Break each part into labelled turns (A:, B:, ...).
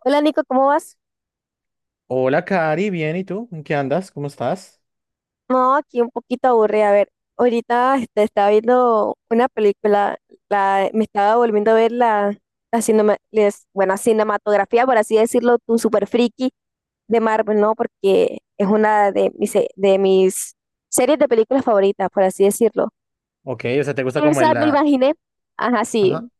A: Hola Nico, ¿cómo vas?
B: Hola, Cari, bien, ¿y tú? ¿En qué andas? ¿Cómo estás?
A: No, aquí un poquito aburrida. A ver, ahorita estaba viendo una película, me estaba volviendo a ver la bueno, cinematografía, por así decirlo, un super friki de Marvel, ¿no? Porque es una de mis series de películas favoritas, por así decirlo.
B: Ok, o sea, te gusta como el,
A: Esa me
B: la.
A: imaginé. Ajá, sí.
B: Ajá.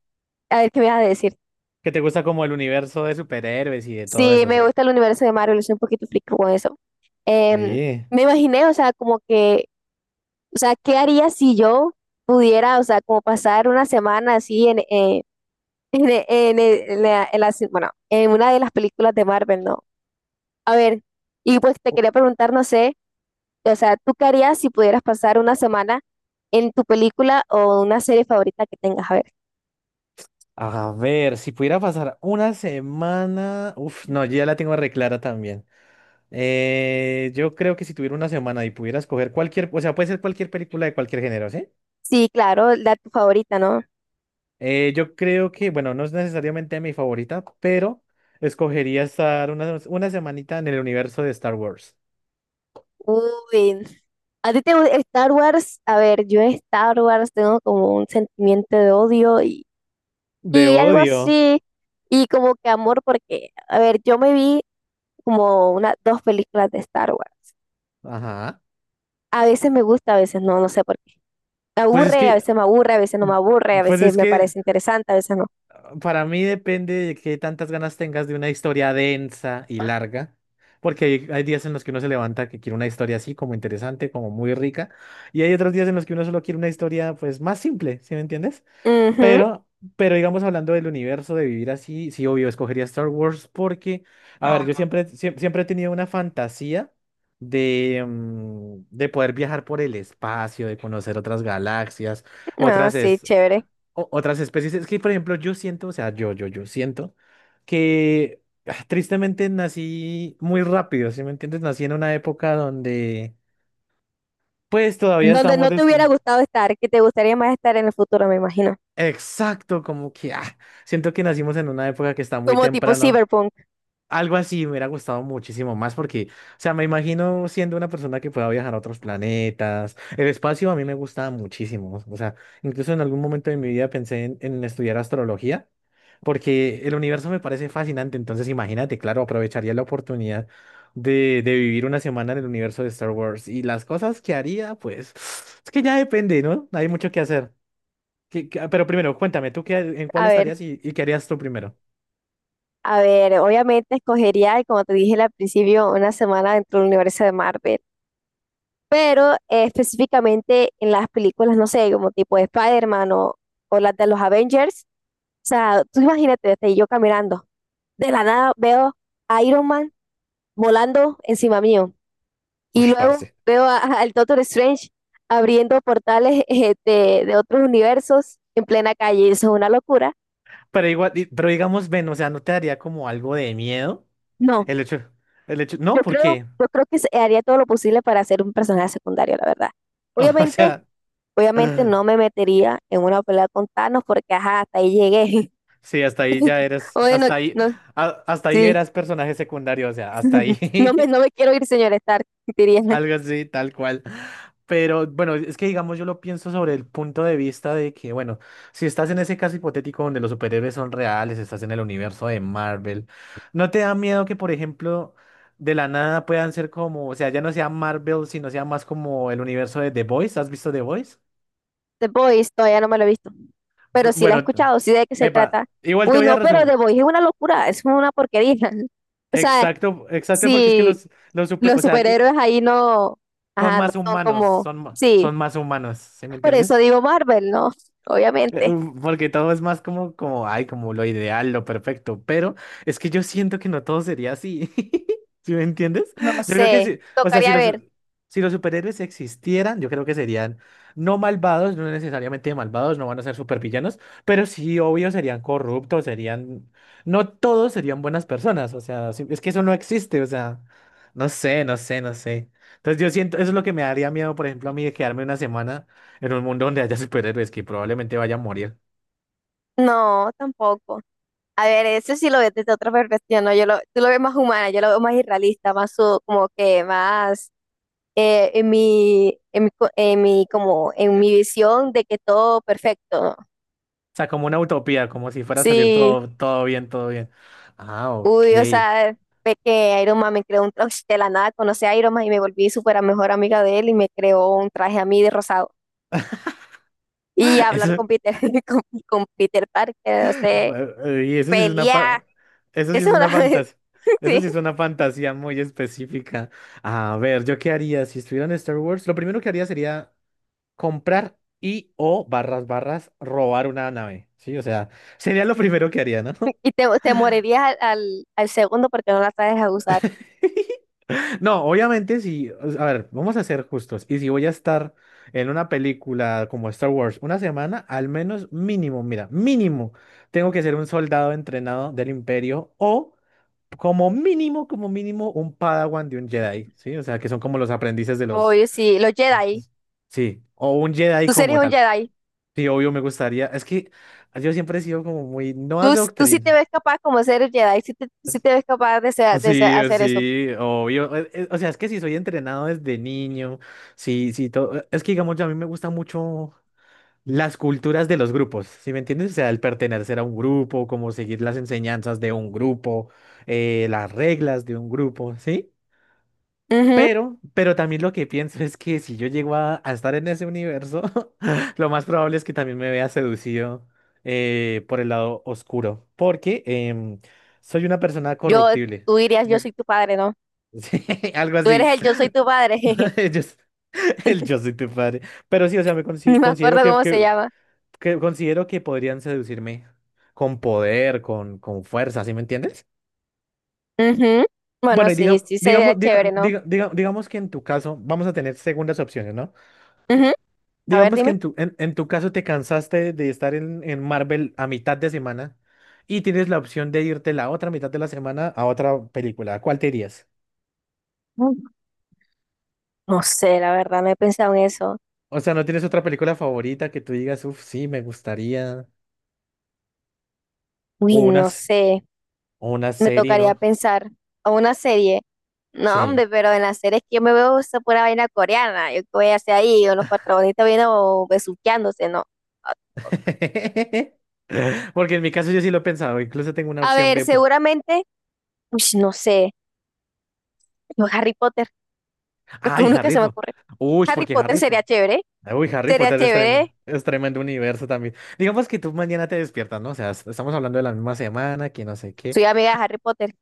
A: A ver qué me vas a decir.
B: Que te gusta como el universo de superhéroes y de todo
A: Sí,
B: eso, o
A: me
B: sea.
A: gusta el universo de Marvel, soy un poquito friki con eso. Em,
B: Oye,
A: Me imaginé, o sea, como que o sea, ¿qué haría si yo pudiera, o sea, como pasar una semana así en, e- en e- en la se- bueno, en una de las películas de Marvel, ¿no? A ver, y pues te quería preguntar, no sé, o sea, ¿tú qué harías si pudieras pasar una semana en tu película o una serie favorita que tengas? A ver.
B: a ver, si pudiera pasar una semana, uf, no, yo ya la tengo reclara también. Yo creo que si tuviera una semana y pudiera escoger cualquier, o sea, puede ser cualquier película de cualquier género, ¿sí?
A: Sí, claro, la tu favorita, ¿no?
B: Yo creo que, bueno, no es necesariamente mi favorita, pero escogería estar una semanita en el universo de Star Wars.
A: Uy, a ti te gusta Star Wars. A ver, yo en Star Wars tengo como un sentimiento de odio.
B: De
A: Y algo
B: odio.
A: así, y como que amor, porque, a ver, yo me vi como una, dos películas de Star Wars.
B: Ajá.
A: A veces me gusta, a veces no, no sé por qué. Me
B: Pues es
A: aburre, a
B: que,
A: veces me aburre, a veces no me aburre, a
B: pues
A: veces
B: es
A: me
B: que
A: parece interesante, a veces no.
B: para mí depende de qué tantas ganas tengas de una historia densa y larga, porque hay días en los que uno se levanta que quiere una historia así, como interesante, como muy rica, y hay otros días en los que uno solo quiere una historia, pues, más simple, ¿sí me entiendes?
A: Ujú,
B: Pero, pero digamos, hablando del universo, de vivir así, sí, obvio, escogería Star Wars porque, a ver, yo siempre, siempre he tenido una fantasía de, de poder viajar por el espacio, de conocer otras galaxias
A: ah
B: otras
A: sí,
B: es-
A: chévere.
B: otras especies. Es que, por ejemplo, yo siento, o sea, yo siento que tristemente nací muy rápido, ¿sí me entiendes? Nací en una época donde, pues, todavía
A: Donde
B: estamos...
A: no te
B: des-
A: hubiera gustado estar, que te gustaría más estar en el futuro, me imagino.
B: Exacto, como que siento que nacimos en una época que está muy
A: Como tipo
B: temprano.
A: cyberpunk.
B: Algo así me hubiera gustado muchísimo más porque, o sea, me imagino siendo una persona que pueda viajar a otros planetas. El espacio a mí me gusta muchísimo. O sea, incluso en algún momento de mi vida pensé en estudiar astrología porque el universo me parece fascinante. Entonces, imagínate, claro, aprovecharía la oportunidad de vivir una semana en el universo de Star Wars y las cosas que haría, pues, es que ya depende, ¿no? Hay mucho que hacer. Pero primero, cuéntame, ¿tú qué, en cuál
A: A ver,
B: estarías y qué harías tú primero?
A: a ver, obviamente escogería, como te dije al principio, una semana dentro del universo de Marvel, pero específicamente en las películas, no sé, como tipo de Spider-Man o las de los Avengers. O sea, tú imagínate, estoy yo caminando, de la nada veo a Iron Man volando encima mío, y
B: Uy, parce.
A: luego veo al Doctor Strange abriendo portales de otros universos en plena calle. Eso es una locura.
B: Pero igual, pero digamos, ven, o sea, ¿no te daría como algo de miedo?
A: No,
B: El hecho, el hecho, no,
A: yo
B: ¿por
A: creo,
B: qué?
A: yo creo que haría todo lo posible para ser un personaje secundario, la verdad.
B: O
A: Obviamente,
B: sea,
A: obviamente no me metería en una pelea con Thanos porque ajá, hasta ahí llegué.
B: sí, hasta ahí ya eres,
A: Bueno,
B: hasta ahí,
A: no,
B: hasta ahí
A: sí,
B: eras personaje secundario, o sea, hasta ahí.
A: no me quiero ir, señor Stark, diría.
B: Algo así, tal cual. Pero bueno, es que digamos, yo lo pienso sobre el punto de vista de que, bueno, si estás en ese caso hipotético donde los superhéroes son reales, estás en el universo de Marvel, ¿no te da miedo que, por ejemplo, de la nada puedan ser como, o sea, ya no sea Marvel, sino sea más como el universo de The Voice? ¿Has visto The Voice?
A: The Boys todavía no me lo he visto, pero sí la he
B: Bueno,
A: escuchado, sí sé de qué se
B: epa,
A: trata.
B: igual te
A: Uy,
B: voy a
A: no, pero
B: resumir.
A: The Boys es una locura, es una porquería. O sea,
B: Exacto, exacto, porque es que
A: si
B: los super,
A: los
B: o sea, i-
A: superhéroes ahí no,
B: son
A: ajá, no
B: más
A: son
B: humanos,
A: como,
B: son, ma-
A: sí,
B: son más humanos, ¿sí me
A: por eso
B: entiendes?
A: digo Marvel, ¿no? Obviamente,
B: Porque todo es más ay, como lo ideal, lo perfecto, pero es que yo siento que no todo sería así, ¿sí me entiendes?
A: no
B: Yo creo que
A: sé,
B: sí, o sea, si
A: tocaría
B: los,
A: ver.
B: si los superhéroes existieran, yo creo que serían no malvados, no necesariamente malvados, no van a ser supervillanos, pero sí, obvio, serían corruptos, serían, no todos serían buenas personas, o sea, es que eso no existe, o sea, no sé, no sé, no sé. Entonces yo siento, eso es lo que me daría miedo, por ejemplo, a mí de quedarme una semana en un mundo donde haya superhéroes que probablemente vaya a morir.
A: No, tampoco. A ver, eso sí lo veo desde otra perspectiva, ¿no? Yo lo, tú lo ves más humana, yo lo veo más irrealista, más como que más en mi, como, en mi visión de que todo perfecto.
B: O sea, como una utopía, como si fuera a salir
A: Sí,
B: todo, todo bien, todo bien. Ah, ok.
A: uy, o sea, ve que Iron Man me creó un traje de la nada, conocí a Iron Man y me volví súper a mejor amiga de él y me creó un traje a mí de rosado. Y hablar
B: Eso,
A: con Peter, con, con Peter Parker, no sé,
B: eh, y eso sí es una,
A: pelear,
B: fa- Eso sí
A: eso
B: es
A: es
B: una
A: una...
B: fantasía. Eso
A: Sí,
B: sí es una fantasía muy específica. A ver, ¿yo qué haría si estuviera en Star Wars? Lo primero que haría sería comprar y o barras robar una nave. Sí, o sea, sería lo primero que haría, ¿no?
A: y te morirías al segundo porque no la sabes a usar.
B: No, obviamente si, a ver, vamos a ser justos. Y si voy a estar en una película como Star Wars una semana, al menos mínimo, mira, mínimo, tengo que ser un soldado entrenado del Imperio o como mínimo, un Padawan de un Jedi, ¿sí? O sea, que son como los aprendices de los.
A: Oye, sí, los Jedi.
B: Sí, o un Jedi
A: Tú
B: como
A: serías un
B: tal.
A: Jedi.
B: Sí, obvio me gustaría. Es que yo siempre he sido como muy, no
A: Tú sí te
B: adoctrinado,
A: ves capaz como ser Jedi, sí te ves capaz
B: sí,
A: hacer eso.
B: sí, obvio. O sea, es que si soy entrenado desde niño, sí, sí, todo. Es que digamos, ya a mí me gustan mucho las culturas de los grupos, ¿sí me entiendes? O sea, el pertenecer a un grupo, como seguir las enseñanzas de un grupo, las reglas de un grupo, ¿sí?
A: Ujú.
B: Pero también lo que pienso es que si yo llego a estar en ese universo, lo más probable es que también me vea seducido por el lado oscuro, porque soy una persona
A: Yo,
B: corruptible.
A: Tú dirías, yo soy tu padre, ¿no?
B: Sí, algo
A: Tú eres
B: así.
A: el yo soy tu padre,
B: Yo s- el yo soy tu padre. Pero sí, o sea, me
A: ni me
B: considero
A: acuerdo cómo se llama.
B: que podrían seducirme con poder, con fuerza, ¿sí me entiendes?
A: Ujú. Bueno,
B: Bueno, y
A: sí, sí, sería chévere, ¿no?
B: digamos que en tu caso, vamos a tener segundas opciones, ¿no?
A: Ujú. A ver,
B: Digamos que
A: dime.
B: en tu caso te cansaste de estar en Marvel a mitad de semana y tienes la opción de irte la otra mitad de la semana a otra película. ¿A cuál te irías?
A: Mm, No sé, la verdad, no he pensado en eso.
B: O sea, ¿no tienes otra película favorita que tú digas, uff, sí, me gustaría?
A: Uy,
B: O
A: no
B: unas.
A: sé,
B: O una
A: me
B: serie,
A: tocaría
B: ¿no?
A: pensar a una serie. No,
B: Sí.
A: hombre, pero en las series que yo me veo esa pura vaina coreana, yo qué voy a hacer ahí, o los protagonistas viendo besuqueándose, no.
B: Porque en mi caso yo sí lo he pensado. Incluso tengo una
A: A
B: opción
A: ver,
B: B. Por.
A: seguramente, pues no sé, no, Harry Potter, lo que
B: ¡Ay,
A: uno que
B: Harry
A: se me
B: Potter!
A: ocurre.
B: Uy,
A: Harry
B: porque
A: Potter
B: Harry
A: sería
B: Potter.
A: chévere,
B: Uy, Harry
A: sería
B: Potter
A: chévere.
B: es tremendo universo también. Digamos que tú mañana te despiertas, ¿no? O sea, estamos hablando de la misma semana, que no sé qué.
A: Soy amiga de Harry Potter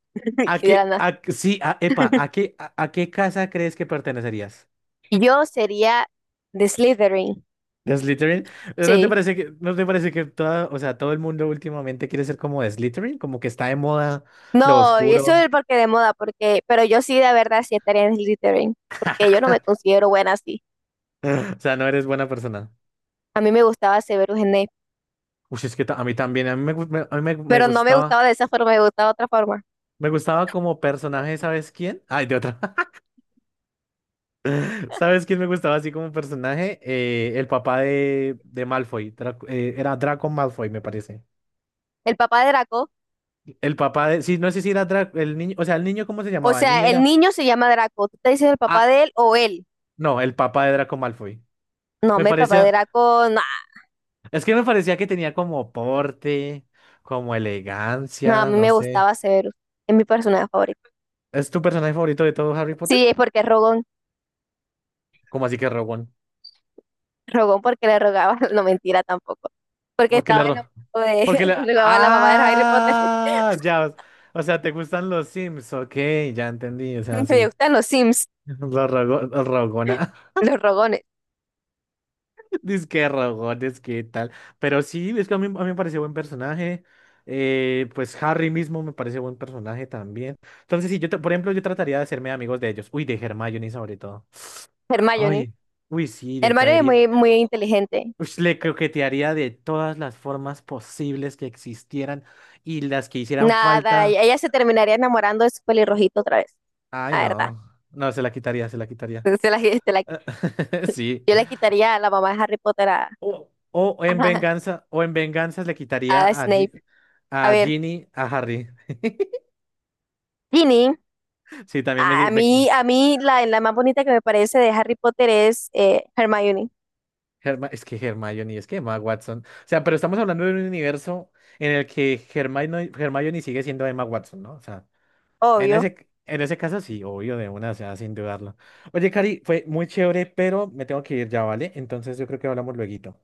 B: ¿A
A: y de la
B: qué,
A: nada.
B: sí, a, epa, a qué casa crees que pertenecerías?
A: Y yo sería de Slytherin,
B: ¿De Slytherin? ¿No te
A: sí.
B: parece que, no te parece que o sea, todo el mundo últimamente quiere ser como de Slytherin? Como que está de moda lo
A: No, y eso es
B: oscuro.
A: porque de moda, porque, pero yo sí de verdad sí estaría en Slytherin, porque yo no me considero buena así.
B: O sea, no eres buena persona.
A: A mí me gustaba Severus Snape,
B: Uy, es que a mí también, a mí me, gu- me- a mí me, me
A: pero no me
B: gustaba,
A: gustaba de esa forma, me gustaba de otra forma.
B: me gustaba como personaje, ¿sabes quién? Ay, de otra, ¿sabes quién me gustaba así como personaje? El papá de, Malfoy, era Draco Malfoy, me parece.
A: El papá de Draco.
B: El papá de, sí, no sé si era Draco, el niño, o sea, el niño, ¿cómo se
A: O
B: llamaba? El niño
A: sea, el
B: era,
A: niño se llama Draco. ¿Tú te dices el papá
B: ah,
A: de él o él?
B: no, el papá de Draco Malfoy.
A: No,
B: Me
A: mi papá de
B: parecía,
A: Draco, no.
B: es que me parecía que tenía como porte, como
A: No, a
B: elegancia,
A: mí
B: no
A: me
B: sé.
A: gustaba Severus, es mi personaje favorito.
B: ¿Es tu personaje favorito de todo Harry Potter?
A: Sí, es porque es Rogón,
B: ¿Cómo así que Rowan?
A: Rogón porque le rogaba, no mentira tampoco, porque
B: ¿Por qué le
A: estaba enamorado
B: erró? Porque
A: de,
B: la...
A: le rogaba a la mamá de Harry Potter.
B: Ah, ya. O sea, ¿te gustan los Sims? Ok, ya entendí. O sea,
A: Me
B: sí.
A: gustan los Sims,
B: La la rogona.
A: los Rogones,
B: Dice que rogones, ¿qué tal? Pero sí, es que a mí me pareció buen personaje. Pues Harry mismo me parece buen personaje también. Entonces, sí, por ejemplo, yo trataría de hacerme amigos de ellos. Uy, de Hermione sobre todo.
A: Hermione.
B: Ay, uy, sí, le
A: Hermione es
B: caería.
A: muy, muy inteligente,
B: Uy, le coquetearía de todas las formas posibles que existieran y las que hicieran
A: nada, y
B: falta.
A: ella se terminaría enamorando de su pelirrojito otra vez,
B: Ay,
A: la verdad.
B: no. No, se la quitaría, se la quitaría.
A: Se la,
B: Sí.
A: yo le quitaría a la mamá de Harry Potter
B: O, o en
A: a,
B: venganza, o en venganza le quitaría
A: a
B: a, Gi-
A: Snape. A
B: a
A: ver,
B: Ginny, a Harry.
A: Ginny.
B: Sí, también
A: A a mí, a mí la más bonita que me parece de Harry Potter es Hermione,
B: Es que Hermione, es que Emma Watson. O sea, pero estamos hablando de un universo en el que Hermione sigue siendo Emma Watson, ¿no? O sea, en
A: obvio.
B: ese caso sí, obvio, de una, o sea, sin dudarlo. Oye, Cari, fue muy chévere, pero me tengo que ir ya, ¿vale? Entonces yo creo que hablamos lueguito.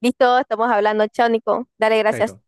A: Listo, estamos hablando, chao, Nico. Dale, gracias.
B: Chaito.